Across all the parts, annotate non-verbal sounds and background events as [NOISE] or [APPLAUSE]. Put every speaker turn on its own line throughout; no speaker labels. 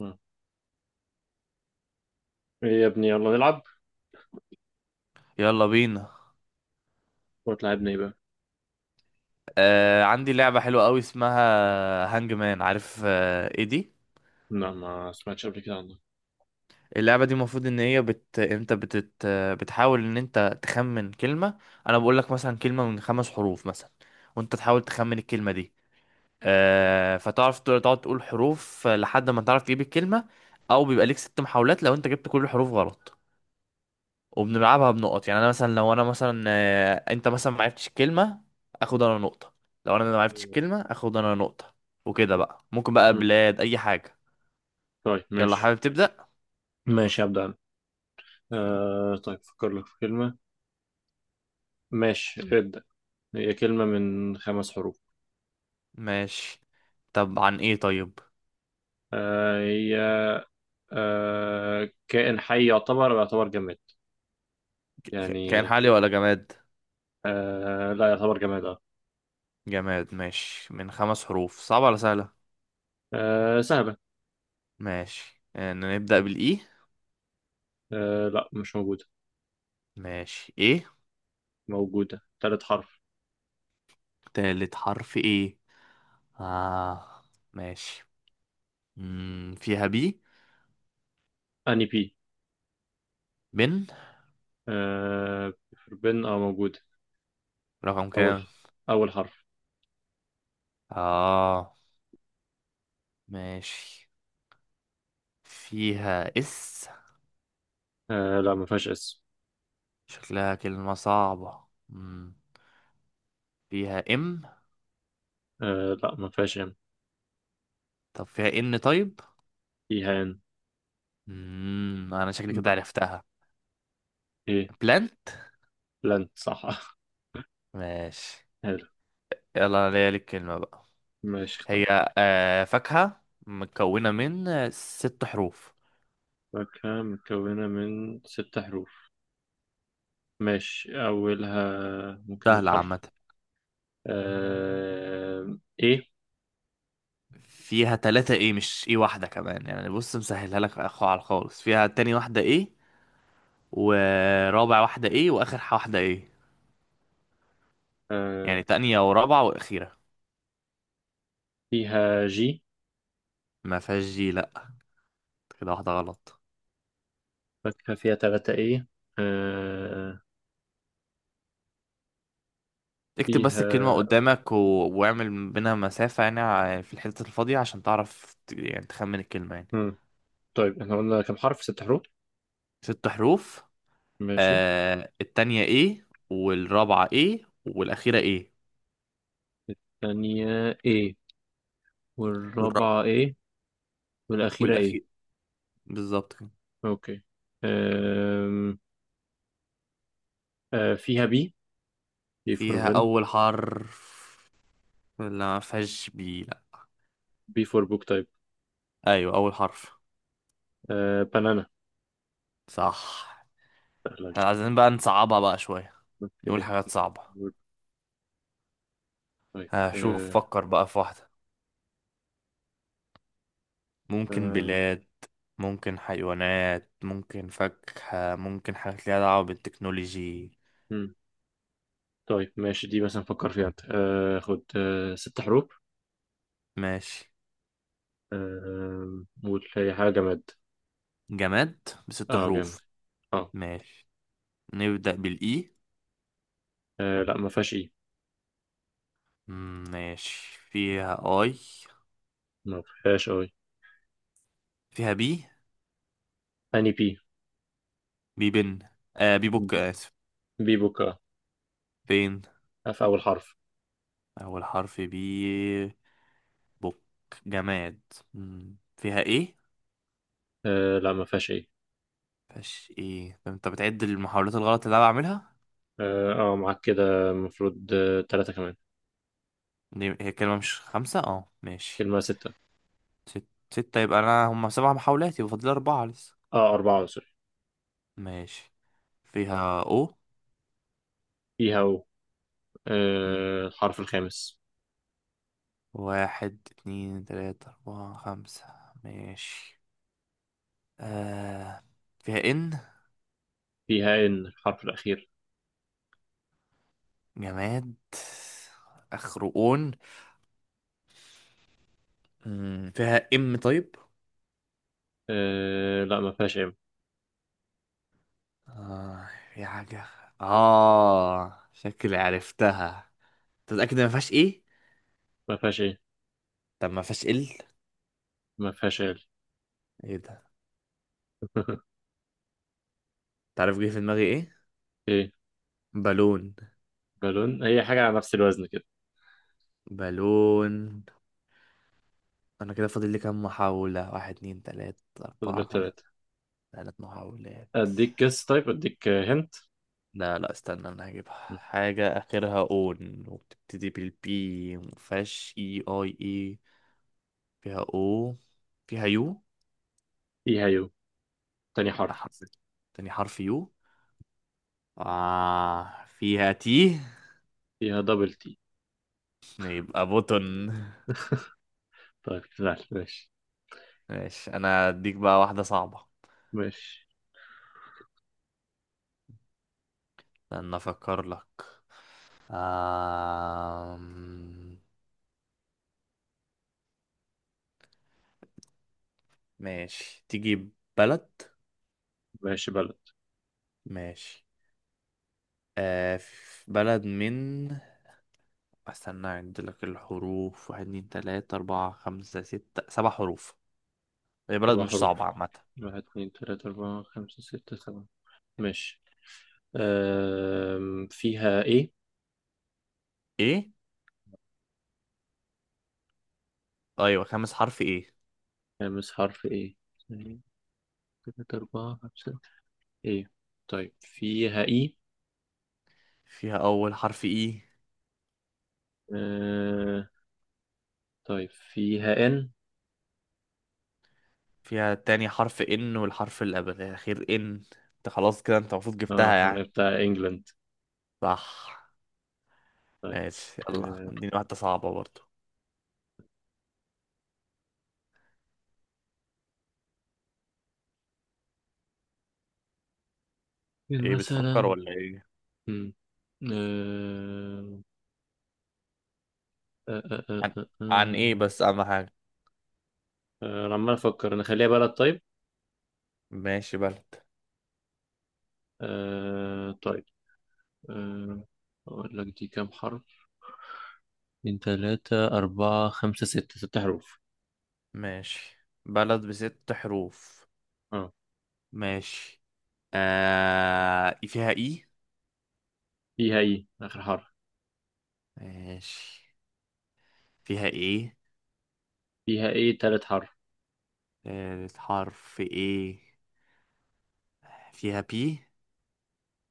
مم. ايه يا ابني، يلا نلعب.
يلا بينا.
ولا تلعبنا ايه بقى؟
عندي لعبة حلوة قوي اسمها هانج مان. عارف ايه دي؟
لا، ما سمعتش قبل كده عنه.
اللعبة دي المفروض ان هي بت... انت بتت... آه، بتحاول ان انت تخمن كلمة. انا بقول لك مثلا كلمة من خمس حروف مثلا، وانت تحاول تخمن الكلمة دي. فتعرف تقعد تقول حروف لحد ما تعرف تجيب الكلمة. او بيبقى ليك ست محاولات لو انت جبت كل الحروف غلط. وبنلعبها بنقط. يعني انا مثلا لو انا مثلا آه، انت مثلا ما عرفتش الكلمه، اخد انا نقطه. لو انا ما عرفتش
ماشي.
الكلمه اخد انا نقطه. وكده بقى ممكن بقى
مم.
بلاد اي حاجه.
طيب.
يلا،
ماشي.
حابب تبدا؟
ماشي، ابدا انا. طيب، فكر لك في كلمة. ماشي. مم. ابدا. هي كلمة من 5 حروف.
ماشي. طب عن ايه طيب؟
هي كائن حي، يعتبر أو يعتبر جماد.
كائن
يعني
حالي ولا جماد؟
لا، يعتبر جماد. اه.
جماد. ماشي، من خمس حروف، صعبه ولا سهله؟
سهلة.
ماشي. نبدا بالاي.
لا، مش موجودة.
ماشي، ايه؟
موجودة تالت حرف.
تالت حرف ايه؟ اه، ماشي. فيها بي.
اني بي.
بن.
آه بن. اه، موجودة.
رقم
اول
كام؟
حرف اول حرف.
اه، ماشي. فيها اس.
لا، ما فيهاش اس.
شكلها كلمة صعبة. فيها ام.
لا، ما فيهاش ام.
طب فيها ان طيب؟
ايهان.
انا شكلي
ب...
كده عرفتها.
ايه.
بلانت.
لن، صح.
ماشي،
[LAUGHS] حلو.
يلا انا ليا لك كلمة بقى.
ماشي، اختار.
هي فاكهة مكونة من ست حروف.
فاكهة مكونة من 6 حروف. ماشي، أولها ممكن
سهلة
الحرف.
عامة.
آه... إيه.
فيها تلاتة ايه، مش ايه واحدة كمان. يعني بص مسهلها لك على خالص، فيها تاني واحدة ايه، ورابع واحدة ايه، واخر واحدة ايه. يعني
آه...
تانية ورابعة واخيرة.
فيها جي.
ما فيهاش جي، لا. كده واحدة غلط.
فاكهة فيها تلاتة إيه. آه...
اكتب بس الكلمة
فيها.
قدامك واعمل بينها مسافة. يعني في الحتة الفاضية عشان تعرف يعني تخمن الكلمة يعني.
مم. طيب، احنا قلنا كم حرف؟ 6 حروف.
ست حروف.
ماشي.
التانية ايه، والرابعة ايه، والأخيرة ايه.
الثانية إيه،
والرابعة،
والرابعة إيه، والأخيرة إيه.
والأخير. بالظبط كده.
أوكي. آم... فيها بي دي
فيها
فور.
أول حرف؟ لا، مفيهاش بي، لا.
بي فور بوك تايب.
أيوة، أول حرف.
بنانا.
صح.
سهلة دي.
احنا عايزين بقى نصعبها بقى شوية. نقول
اوكي.
حاجات صعبة.
بوك تايب.
هشوف
آه.
فكر بقى في واحدة. ممكن
آه.
بلاد، ممكن حيوانات، ممكن فاكهة، ممكن حاجات ليها دعوة بالتكنولوجي.
مم. طيب، ماشي. دي مثلا فكر فيها انت. خد 6 حروف.
ماشي.
قول، هي حاجة جماد.
جماد بست
اه، جامد.
حروف؟
اه.
ماشي. نبدأ بالإي.
لا، ما فيهاش اي.
ماشي، فيها آي؟
ما فيهاش اي.
فيها بي.
اني بي.
بي بن. بي بوك، آسف،
بي بوك. اه.
بين.
في اول حرف.
أول حرف. بي بوك. جماد. فيها إيه؟
لا، ما فيهاش اي.
فيهاش إيه؟ طب أنت بتعد المحاولات الغلط اللي أنا بعملها؟
اه. معاك كده. المفروض تلاتة كمان.
هي كلمة مش خمسة، اه، ماشي.
كلمة ستة.
ست. ستة، يبقى أنا هما سبع محاولات، يبقى فاضل أربعة لسه.
اه، أربعة، سوري.
ماشي، فيها أو؟
فيها او.
مم.
الحرف الخامس.
واحد، اتنين، تلاتة، أربعة، خمسة. ماشي. آه. فيها إن؟
فيها ان الحرف الأخير.
جماد آخره أون. فيها إم طيب.
لا، ما فيهاش ايه.
آه. في حاجة. شكلي عرفتها. تتأكد ما فيهاش إيه؟
ما فيهاش ايه.
طب ما فيهاش إل؟
ما فيهاش ايه.
إيه ده؟
[LAUGHS]
تعرف جه في دماغي إيه؟
ايه؟
بالون.
بالون. هي حاجة على نفس الوزن كده.
بالون، انا كده فاضل لي كام محاولة؟ واحد، اتنين، تلاتة،
فاضل
اربعة،
لك
خمسة.
تلاتة.
تلات محاولات.
اديك جس، طيب اديك هنت.
لا، لا، استنى، انا هجيبها. حاجة اخرها اون وبتبتدي بالبي، مفيهاش اي. فيها او، فيها يو.
فيها يو. تاني حرف.
حرف. تاني حرف يو. فيها تي.
فيها دبل تي.
يبقى بوتن.
طيب، لا. ماشي.
ماشي، انا اديك بقى واحدة صعبة.
ماشي.
استنى افكر لك. آه ماشي، تيجي. بلد.
ماشي. بلد.
ماشي. آه في بلد من استنى عند لك الحروف، واحد، اتنين، تلاتة، أربعة، خمسة، ستة. سبع حروف. هي بلد
أربع
مش صعبة
حروف
عامة.
واحد، اتنين، تلاتة، أربعة، خمسة، ستة، سبعة. ماشي. فيها ايه؟
ايه؟ أيوة، خامس حرف ايه؟
خامس حرف. ايه اتنين، تلاتة، أربعة، خمسة. ايه. طيب، فيها اي.
فيها أول حرف ايه؟
أه... طيب، فيها ان.
فيها تاني حرف ان، والحرف اللي قبل الأخير ان. انت خلاص كده، انت المفروض جبتها
اه، انا
يعني.
بتاع انجلند.
صح.
طيب.
ماشي، يلا
آه،
اديني واحدة صعبة برضو.
مين
ايه، بتفكر
مثلا؟
ولا ايه؟
مم. آه، آه، آه، آه،
عن,
آه،
عن ايه
آه.
بس أهم حاجة؟
انا عمال افكر، نخليها بلد طيب.
ماشي، بلد.
طيب. آه، اقول لك دي كام حرف. من ثلاثة، أربعة، خمسة، ستة، 6 حروف.
ماشي، بلد بست حروف؟
اه.
ماشي. فيها اي.
فيها ايه اخر حرف.
ماشي، فيها ايه.
فيها ايه تالت حرف.
الحرف ايه. فيها بي.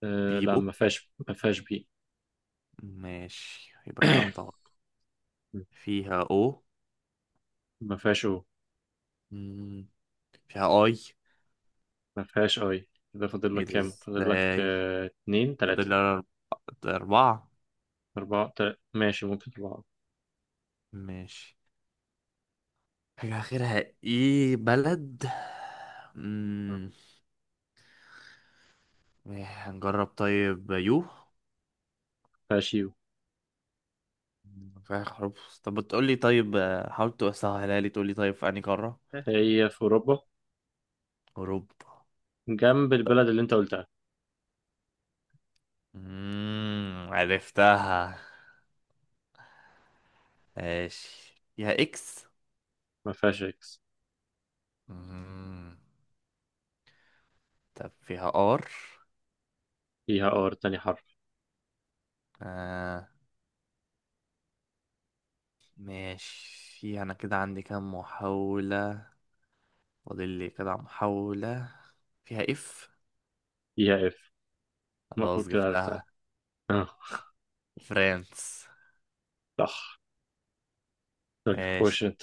بي
لا،
بوك.
ما فيهاش بي.
ماشي، يبقى كده واحدة
[COUGHS]
غلط. فيها او.
ما فيهاش او.
مم، فيها اي.
ما فيهاش اي. كده فاضل
ايه
لك
ده
كام؟ فاضل لك
ازاي؟
اتنين، تلاتة،
فاضل لي اربعة.
أربعة. تلاتة. ماشي، ممكن أربعة.
ماشي. حاجة اخرها ايه بلد. مم، إيه، هنجرب طيب يو.
فاشيو.
فيها حروف. طب بتقولي طيب، حاول تسهلها لي، تقولي طيب في انهي قارة.
هي في أوروبا،
اوروبا.
جنب البلد اللي أنت قلتها.
عرفتها. ماشي، فيها اكس.
ما فيهاش إكس.
امم طب فيها ار.
فيها آر تاني حرف.
آه ماشي. انا كده عندي كام محاولة؟ فاضل لي كده محاولة. فيها اف.
فيها إف. المفروض
خلاص
كده عرفتها.
جبتها.
أه،
فرانس.
صح. طيب،
ماشي،
خش أنت.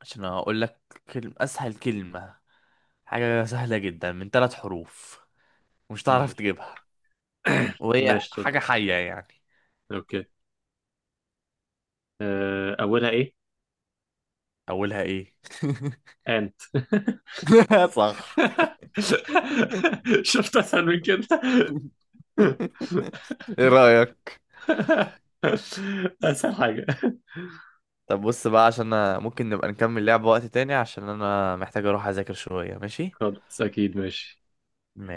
عشان اقول لك كلمة، اسهل كلمة، حاجة سهلة جدا من ثلاث حروف، مش تعرف
ماشي.
تجيبها.
[COUGHS]
وهي
ماشي. طب
حاجة حية يعني.
أوكي. أه، أولها إيه؟
اولها ايه؟
أنت.
[LAUGHS] صح.
[LAUGHS] شفت أسهل من كده؟
[LAUGHS] ايه رأيك؟
[LAUGHS] أسهل حاجة.
طب بص بقى، عشان أنا ممكن نبقى نكمل لعبة وقت تاني، عشان انا محتاج اروح اذاكر شوية. ماشي؟
خلاص، أكيد. ماشي.